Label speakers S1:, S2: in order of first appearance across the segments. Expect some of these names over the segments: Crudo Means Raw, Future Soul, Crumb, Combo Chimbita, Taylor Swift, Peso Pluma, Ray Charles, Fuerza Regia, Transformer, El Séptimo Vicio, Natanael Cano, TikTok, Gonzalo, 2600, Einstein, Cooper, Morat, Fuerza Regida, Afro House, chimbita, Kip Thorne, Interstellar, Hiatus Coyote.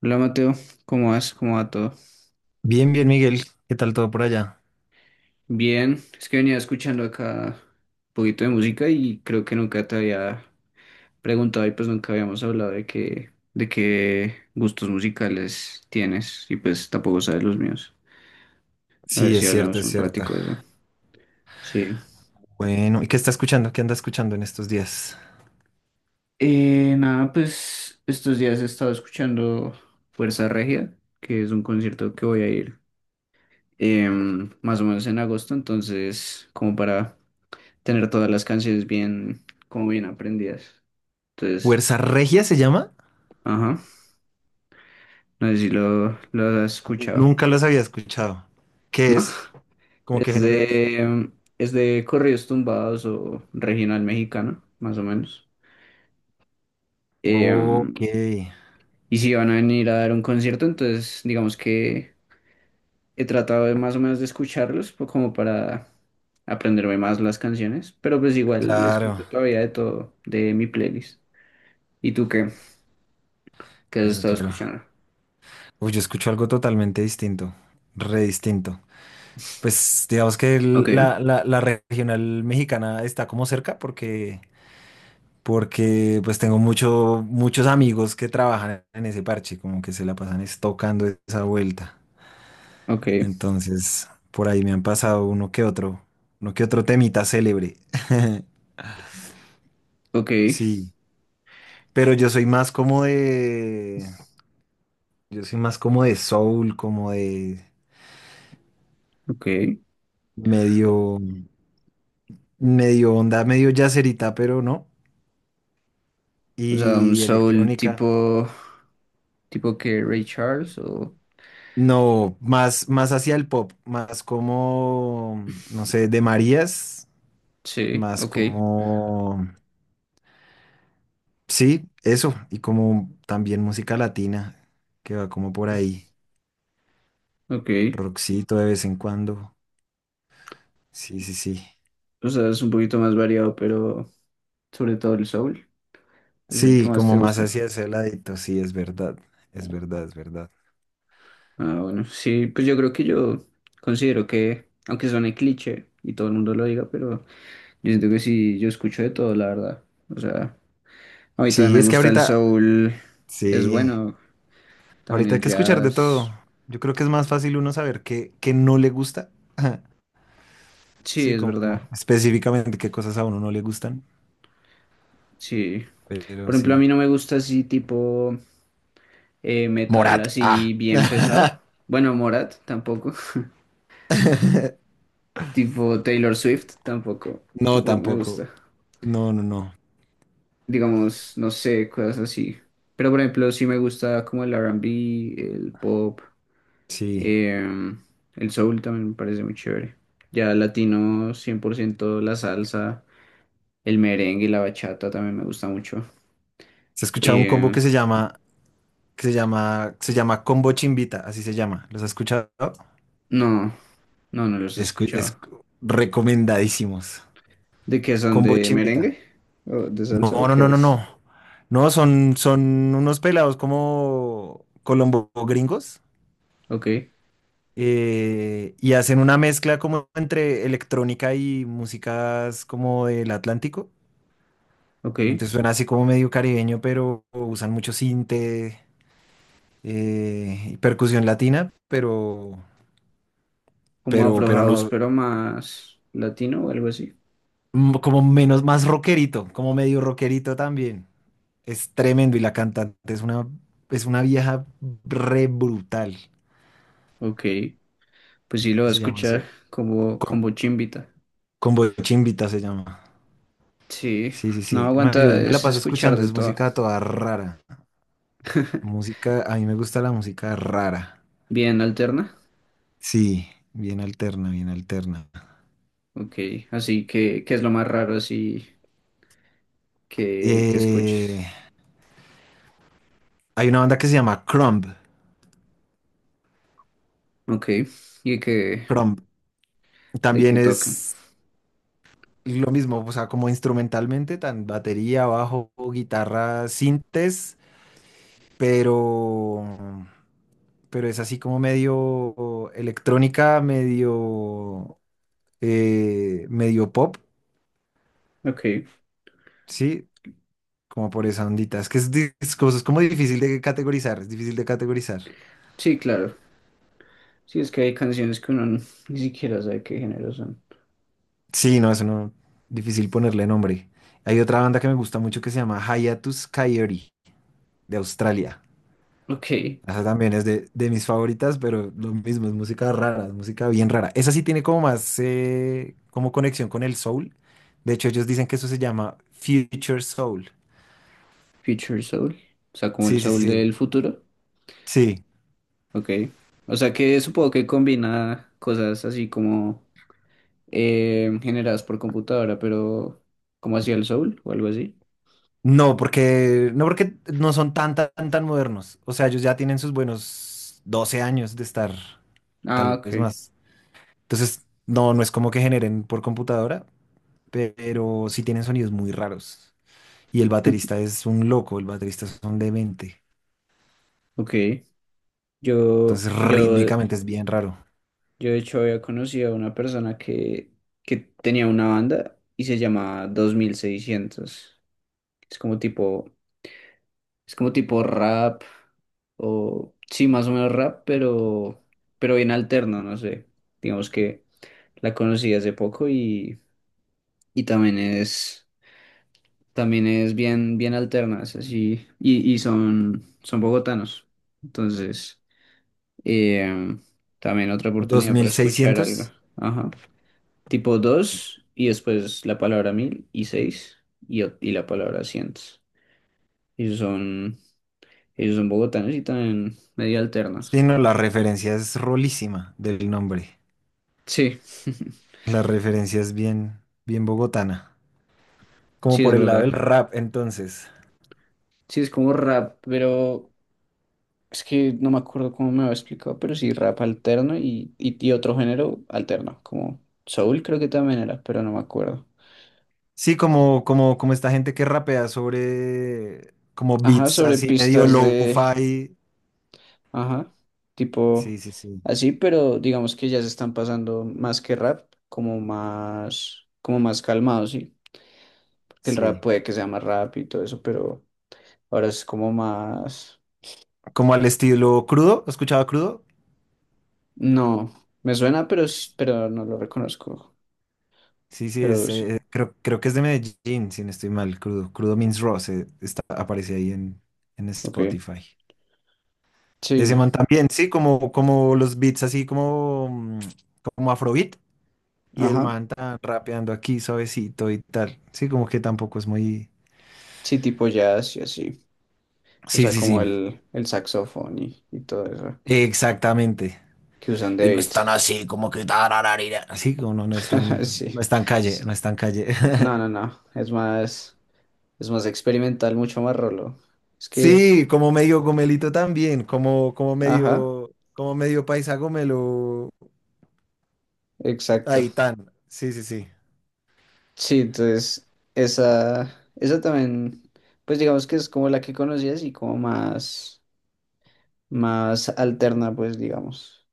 S1: Hola Mateo, ¿cómo vas? ¿Cómo va todo?
S2: Bien, bien, Miguel. ¿Qué tal todo por allá?
S1: Bien, es que venía escuchando acá un poquito de música y creo que nunca te había preguntado y pues nunca habíamos hablado de qué gustos musicales tienes y pues tampoco sabes los míos. A ver
S2: Sí,
S1: si
S2: es cierto,
S1: hablamos
S2: es
S1: un
S2: cierto.
S1: ratico de eso. Sí.
S2: Bueno, ¿y qué está escuchando? ¿Qué anda escuchando en estos días?
S1: Nada, pues estos días he estado escuchando Fuerza Regia, que es un concierto que voy a ir más o menos en agosto, entonces como para tener todas las canciones bien, como bien aprendidas. Entonces,
S2: ¿Fuerza Regia se llama?
S1: ajá, no sé si lo has escuchado,
S2: Nunca los había escuchado.
S1: ¿no?
S2: ¿Qué es? ¿Cómo qué
S1: Es
S2: género es?
S1: de, es de corridos tumbados o regional mexicano, más o menos.
S2: Ok,
S1: Em, y si van a venir a dar un concierto, entonces digamos que he tratado de más o menos de como para aprenderme más las canciones, pero pues igual
S2: claro,
S1: escucho todavía de todo de mi playlist. ¿Y tú qué? ¿Qué has
S2: claro,
S1: estado
S2: claro.
S1: escuchando?
S2: Uy, yo escucho algo totalmente distinto, re distinto. Pues digamos que
S1: Ok,
S2: la regional mexicana está como cerca porque porque pues tengo mucho, muchos amigos que trabajan en ese parche, como que se la pasan es tocando esa vuelta.
S1: ok,
S2: Entonces, por ahí me han pasado uno que otro temita célebre.
S1: ok.
S2: Sí, pero yo soy más como de soul, como de
S1: Ok.
S2: medio, medio onda, medio yacerita, pero no,
S1: O sea,
S2: y electrónica.
S1: tipo que Ray Charles o...
S2: No, más, más hacia el pop, más como, no sé, de Marías.
S1: Sí,
S2: Más
S1: ok,
S2: como, sí, eso, y como también música latina, que va como por ahí,
S1: ok.
S2: rockcito de vez en cuando, sí, sí, sí,
S1: O sea, es un poquito más variado, pero sobre todo el soul es el que
S2: sí,
S1: más
S2: como
S1: te
S2: más
S1: gusta.
S2: hacia ese ladito, sí, es verdad, es verdad, es verdad.
S1: Ah, bueno, sí, pues yo creo que yo considero que, aunque suene cliché y todo el mundo lo diga, pero yo siento que sí, yo escucho de todo, la verdad. O sea, a mí también
S2: Sí,
S1: me
S2: es que
S1: gusta el
S2: ahorita,
S1: soul, es
S2: sí,
S1: bueno, también
S2: ahorita hay
S1: el
S2: que escuchar de
S1: jazz.
S2: todo, yo creo que es más fácil uno saber qué, qué no le gusta.
S1: Sí,
S2: Sí,
S1: es verdad,
S2: como específicamente qué cosas a uno no le gustan,
S1: sí.
S2: pero
S1: Por ejemplo, a
S2: sí.
S1: mí no me gusta así tipo... metal
S2: Morat, ah.
S1: así bien pesado. Bueno, Morat tampoco. Tipo Taylor Swift tampoco.
S2: No,
S1: Tampoco me
S2: tampoco.
S1: gusta.
S2: No, no, no.
S1: Digamos, no sé, cosas así. Pero por ejemplo, sí me gusta como el R&B, el pop,
S2: Sí.
S1: em, el soul también me parece muy chévere. Ya latino, 100% la salsa, el merengue y la bachata también me gusta mucho.
S2: Se ha escuchado un combo que
S1: Em,
S2: se llama, se llama Combo Chimbita, así se llama. ¿Los has escuchado?
S1: no, no, no los he
S2: Es
S1: escuchado.
S2: recomendadísimos.
S1: ¿De qué son?
S2: Combo
S1: ¿De
S2: Chimbita.
S1: merengue? ¿O de salsa?
S2: No,
S1: ¿O
S2: no,
S1: qué
S2: no, no,
S1: es?
S2: no. No, son, son unos pelados como colombo gringos,
S1: Ok,
S2: y hacen una mezcla como entre electrónica y músicas como del Atlántico.
S1: ok.
S2: Entonces suena así como medio caribeño, pero usan mucho sinte. Y percusión latina,
S1: Como Afro
S2: pero
S1: House,
S2: no,
S1: pero más latino o algo así.
S2: mm, como menos, más rockerito, como medio rockerito también. Es tremendo y la cantante es una vieja re brutal,
S1: Ok, pues sí lo va a
S2: se llama
S1: escuchar
S2: así. Con,
S1: como chimbita.
S2: con Bochimbita se llama.
S1: Sí,
S2: Sí, sí,
S1: no
S2: sí. No, yo
S1: aguanta
S2: me la
S1: es
S2: paso
S1: escuchar
S2: escuchando,
S1: de
S2: es
S1: todo.
S2: música toda rara. Música, a mí me gusta la música rara.
S1: Bien alterna.
S2: Sí, bien alterna, bien alterna.
S1: Ok, así que, ¿qué es lo más raro así que escuches?
S2: Eh, Hay una banda que se llama Crumb.
S1: Ok, y que,
S2: Crumb.
S1: de
S2: También
S1: qué tocan.
S2: es lo mismo, o sea, como instrumentalmente, tan batería, bajo, guitarra, sintes, pero, pero es así como medio electrónica, medio, medio pop,
S1: Ok,
S2: ¿sí? Como por esa ondita. Es que es, es como difícil de categorizar, es difícil de categorizar.
S1: sí, claro. Sí, es que hay canciones que ni siquiera sabe qué género son.
S2: Sí, no, eso no, difícil ponerle nombre. Hay otra banda que me gusta mucho que se llama Hiatus Coyote, de Australia.
S1: Ok,
S2: Esa también es de mis favoritas, pero lo mismo, es música rara, es música bien rara. Esa sí tiene como más, como conexión con el soul. De hecho, ellos dicen que eso se llama Future Soul.
S1: Future Soul. O sea, como el
S2: Sí, sí,
S1: soul
S2: sí.
S1: del futuro.
S2: Sí.
S1: Ok. O sea que supongo que combina cosas así como generadas por computadora, pero como hacía el Soul o algo así.
S2: No, porque no porque no son tan, tan, tan modernos. O sea, ellos ya tienen sus buenos 12 años de estar,
S1: Ah,
S2: tal vez
S1: ok.
S2: más. Entonces, no, no es como que generen por computadora, pero sí tienen sonidos muy raros. Y el baterista es un loco, el baterista es un demente.
S1: Ok. Yo,
S2: Entonces,
S1: yo,
S2: rítmicamente es bien raro.
S1: yo de hecho había conocido a una persona que tenía una banda y se llama 2600. Es como tipo, es como tipo rap o sí, más o menos rap, pero bien alterno, no sé. Digamos que la conocí hace poco. Y también es bien, bien alternas, así, y son, son bogotanos. Entonces, eh, también otra oportunidad para escuchar algo.
S2: 2600.
S1: Ajá. Tipo 2 y después la palabra mil y seis y, y la palabra cientos. Ellos son, ellos son bogotanos y también medio
S2: Sí,
S1: alternos.
S2: no, la referencia es rolísima del nombre.
S1: Sí,
S2: La referencia es bien, bien bogotana. Como
S1: sí es
S2: por el lado
S1: verdad.
S2: del rap, entonces.
S1: Sí es como rap, pero es que no me acuerdo cómo me lo explicado, pero sí, rap alterno y otro género alterno, como soul creo que también era, pero no me acuerdo.
S2: Sí, como, como, como esta gente que rapea sobre como
S1: Ajá,
S2: beats
S1: sobre
S2: así medio
S1: pistas de,
S2: lo-fi.
S1: ajá, tipo
S2: Sí, sí, sí,
S1: así, pero digamos que ya se están pasando más que rap, como más calmado, sí, porque el rap
S2: sí.
S1: puede que sea más rap y todo eso, pero ahora es como más,
S2: Como al estilo crudo. ¿Has escuchado crudo?
S1: no, me suena,
S2: Es-
S1: pero no lo reconozco,
S2: Sí, sí,
S1: pero
S2: es,
S1: sí,
S2: creo, creo que es de Medellín, si no estoy mal, crudo. Crudo Means Raw está, aparece ahí en
S1: ok,
S2: Spotify. Ese
S1: sí,
S2: man también, sí, como, como los beats así como, mm, como afrobeat. Y el
S1: ajá,
S2: man tan rapeando aquí suavecito y tal. Sí, como que tampoco es muy.
S1: sí, tipo jazz y así. O
S2: Sí,
S1: sea,
S2: sí,
S1: como
S2: sí.
S1: el saxofón y todo eso
S2: Exactamente.
S1: que usan de
S2: Y no es
S1: beat.
S2: tan así, como que tarararira. Así como no, no es tan, no
S1: Sí,
S2: es tan calle,
S1: sí.
S2: no es tan calle.
S1: No, no, no. Es más experimental, mucho más rolo. Es que,
S2: Sí, como medio gomelito también, como,
S1: ajá,
S2: como medio paisa gomelo.
S1: exacto.
S2: Ahí tan. Sí, sí, sí.
S1: Sí, entonces, esa también, pues digamos que es como la que conocías y como más, más alterna, pues digamos,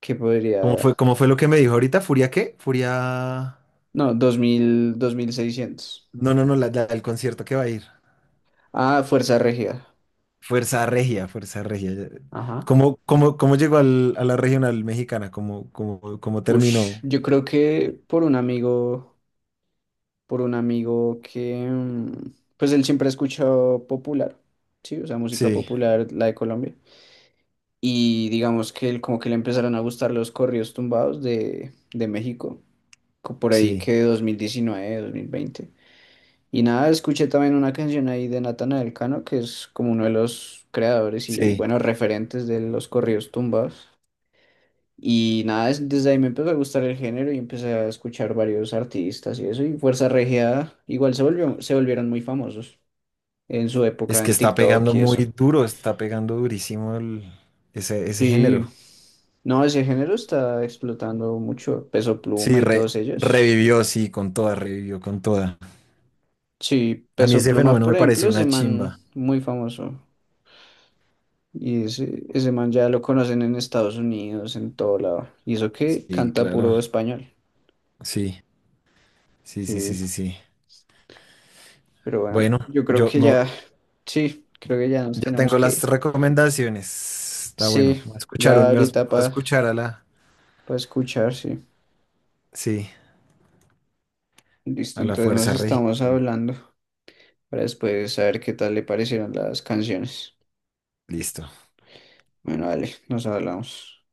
S1: que podría,
S2: Cómo fue lo que me dijo ahorita? ¿Furia qué? Furia.
S1: no, dos dos mil dos mil seiscientos.
S2: No, no, no, el concierto que va a ir.
S1: Ah, Fuerza Regida.
S2: Fuerza Regia, Fuerza Regia.
S1: Ajá.
S2: ¿Cómo, cómo, cómo llegó a la regional mexicana? ¿Cómo, cómo, cómo
S1: Ush,
S2: terminó?
S1: yo creo que por un amigo. Por un amigo que, mm, pues él siempre ha escuchado popular, ¿sí? O sea, música
S2: Sí,
S1: popular, la de Colombia. Y digamos que él, como que le empezaron a gustar los corridos tumbados de México, por ahí
S2: sí,
S1: que 2019, 2020. Y nada, escuché también una canción ahí de Natanael Cano, que es como uno de los creadores y,
S2: sí.
S1: bueno, referentes de los corridos tumbados. Y nada, desde ahí me empezó a gustar el género y empecé a escuchar varios artistas y eso. Y Fuerza Regida se volvieron muy famosos en su
S2: Es
S1: época
S2: que
S1: en
S2: está
S1: TikTok
S2: pegando
S1: y
S2: muy
S1: eso.
S2: duro, está pegando durísimo ese, ese
S1: Sí,
S2: género.
S1: no, ese género está explotando mucho. Peso Pluma
S2: Sí,
S1: y todos ellos.
S2: revivió, sí, con toda, revivió con toda.
S1: Sí,
S2: A mí
S1: Peso
S2: ese
S1: Pluma,
S2: fenómeno
S1: por
S2: me
S1: ejemplo,
S2: pareció
S1: ese
S2: una
S1: man
S2: chimba.
S1: muy famoso. Y ese man ya lo conocen en Estados Unidos, en todo lado. Y eso que
S2: Sí,
S1: canta
S2: claro.
S1: puro español.
S2: Sí, sí, sí, sí,
S1: Sí,
S2: sí, sí.
S1: pero bueno,
S2: Bueno,
S1: yo creo
S2: yo,
S1: que
S2: me-
S1: ya. Sí, creo que ya nos
S2: ya
S1: tenemos
S2: tengo
S1: que
S2: las
S1: ir.
S2: recomendaciones. Está bueno.
S1: Sí,
S2: Me
S1: ya
S2: escucharon, me va
S1: ahorita
S2: a
S1: para
S2: escuchar a la,
S1: escuchar, sí.
S2: sí,
S1: Listo,
S2: a la
S1: entonces nos
S2: fuerza regida.
S1: estamos hablando para después saber qué tal le parecieron las canciones.
S2: Listo.
S1: Bueno, vale, nos hablamos.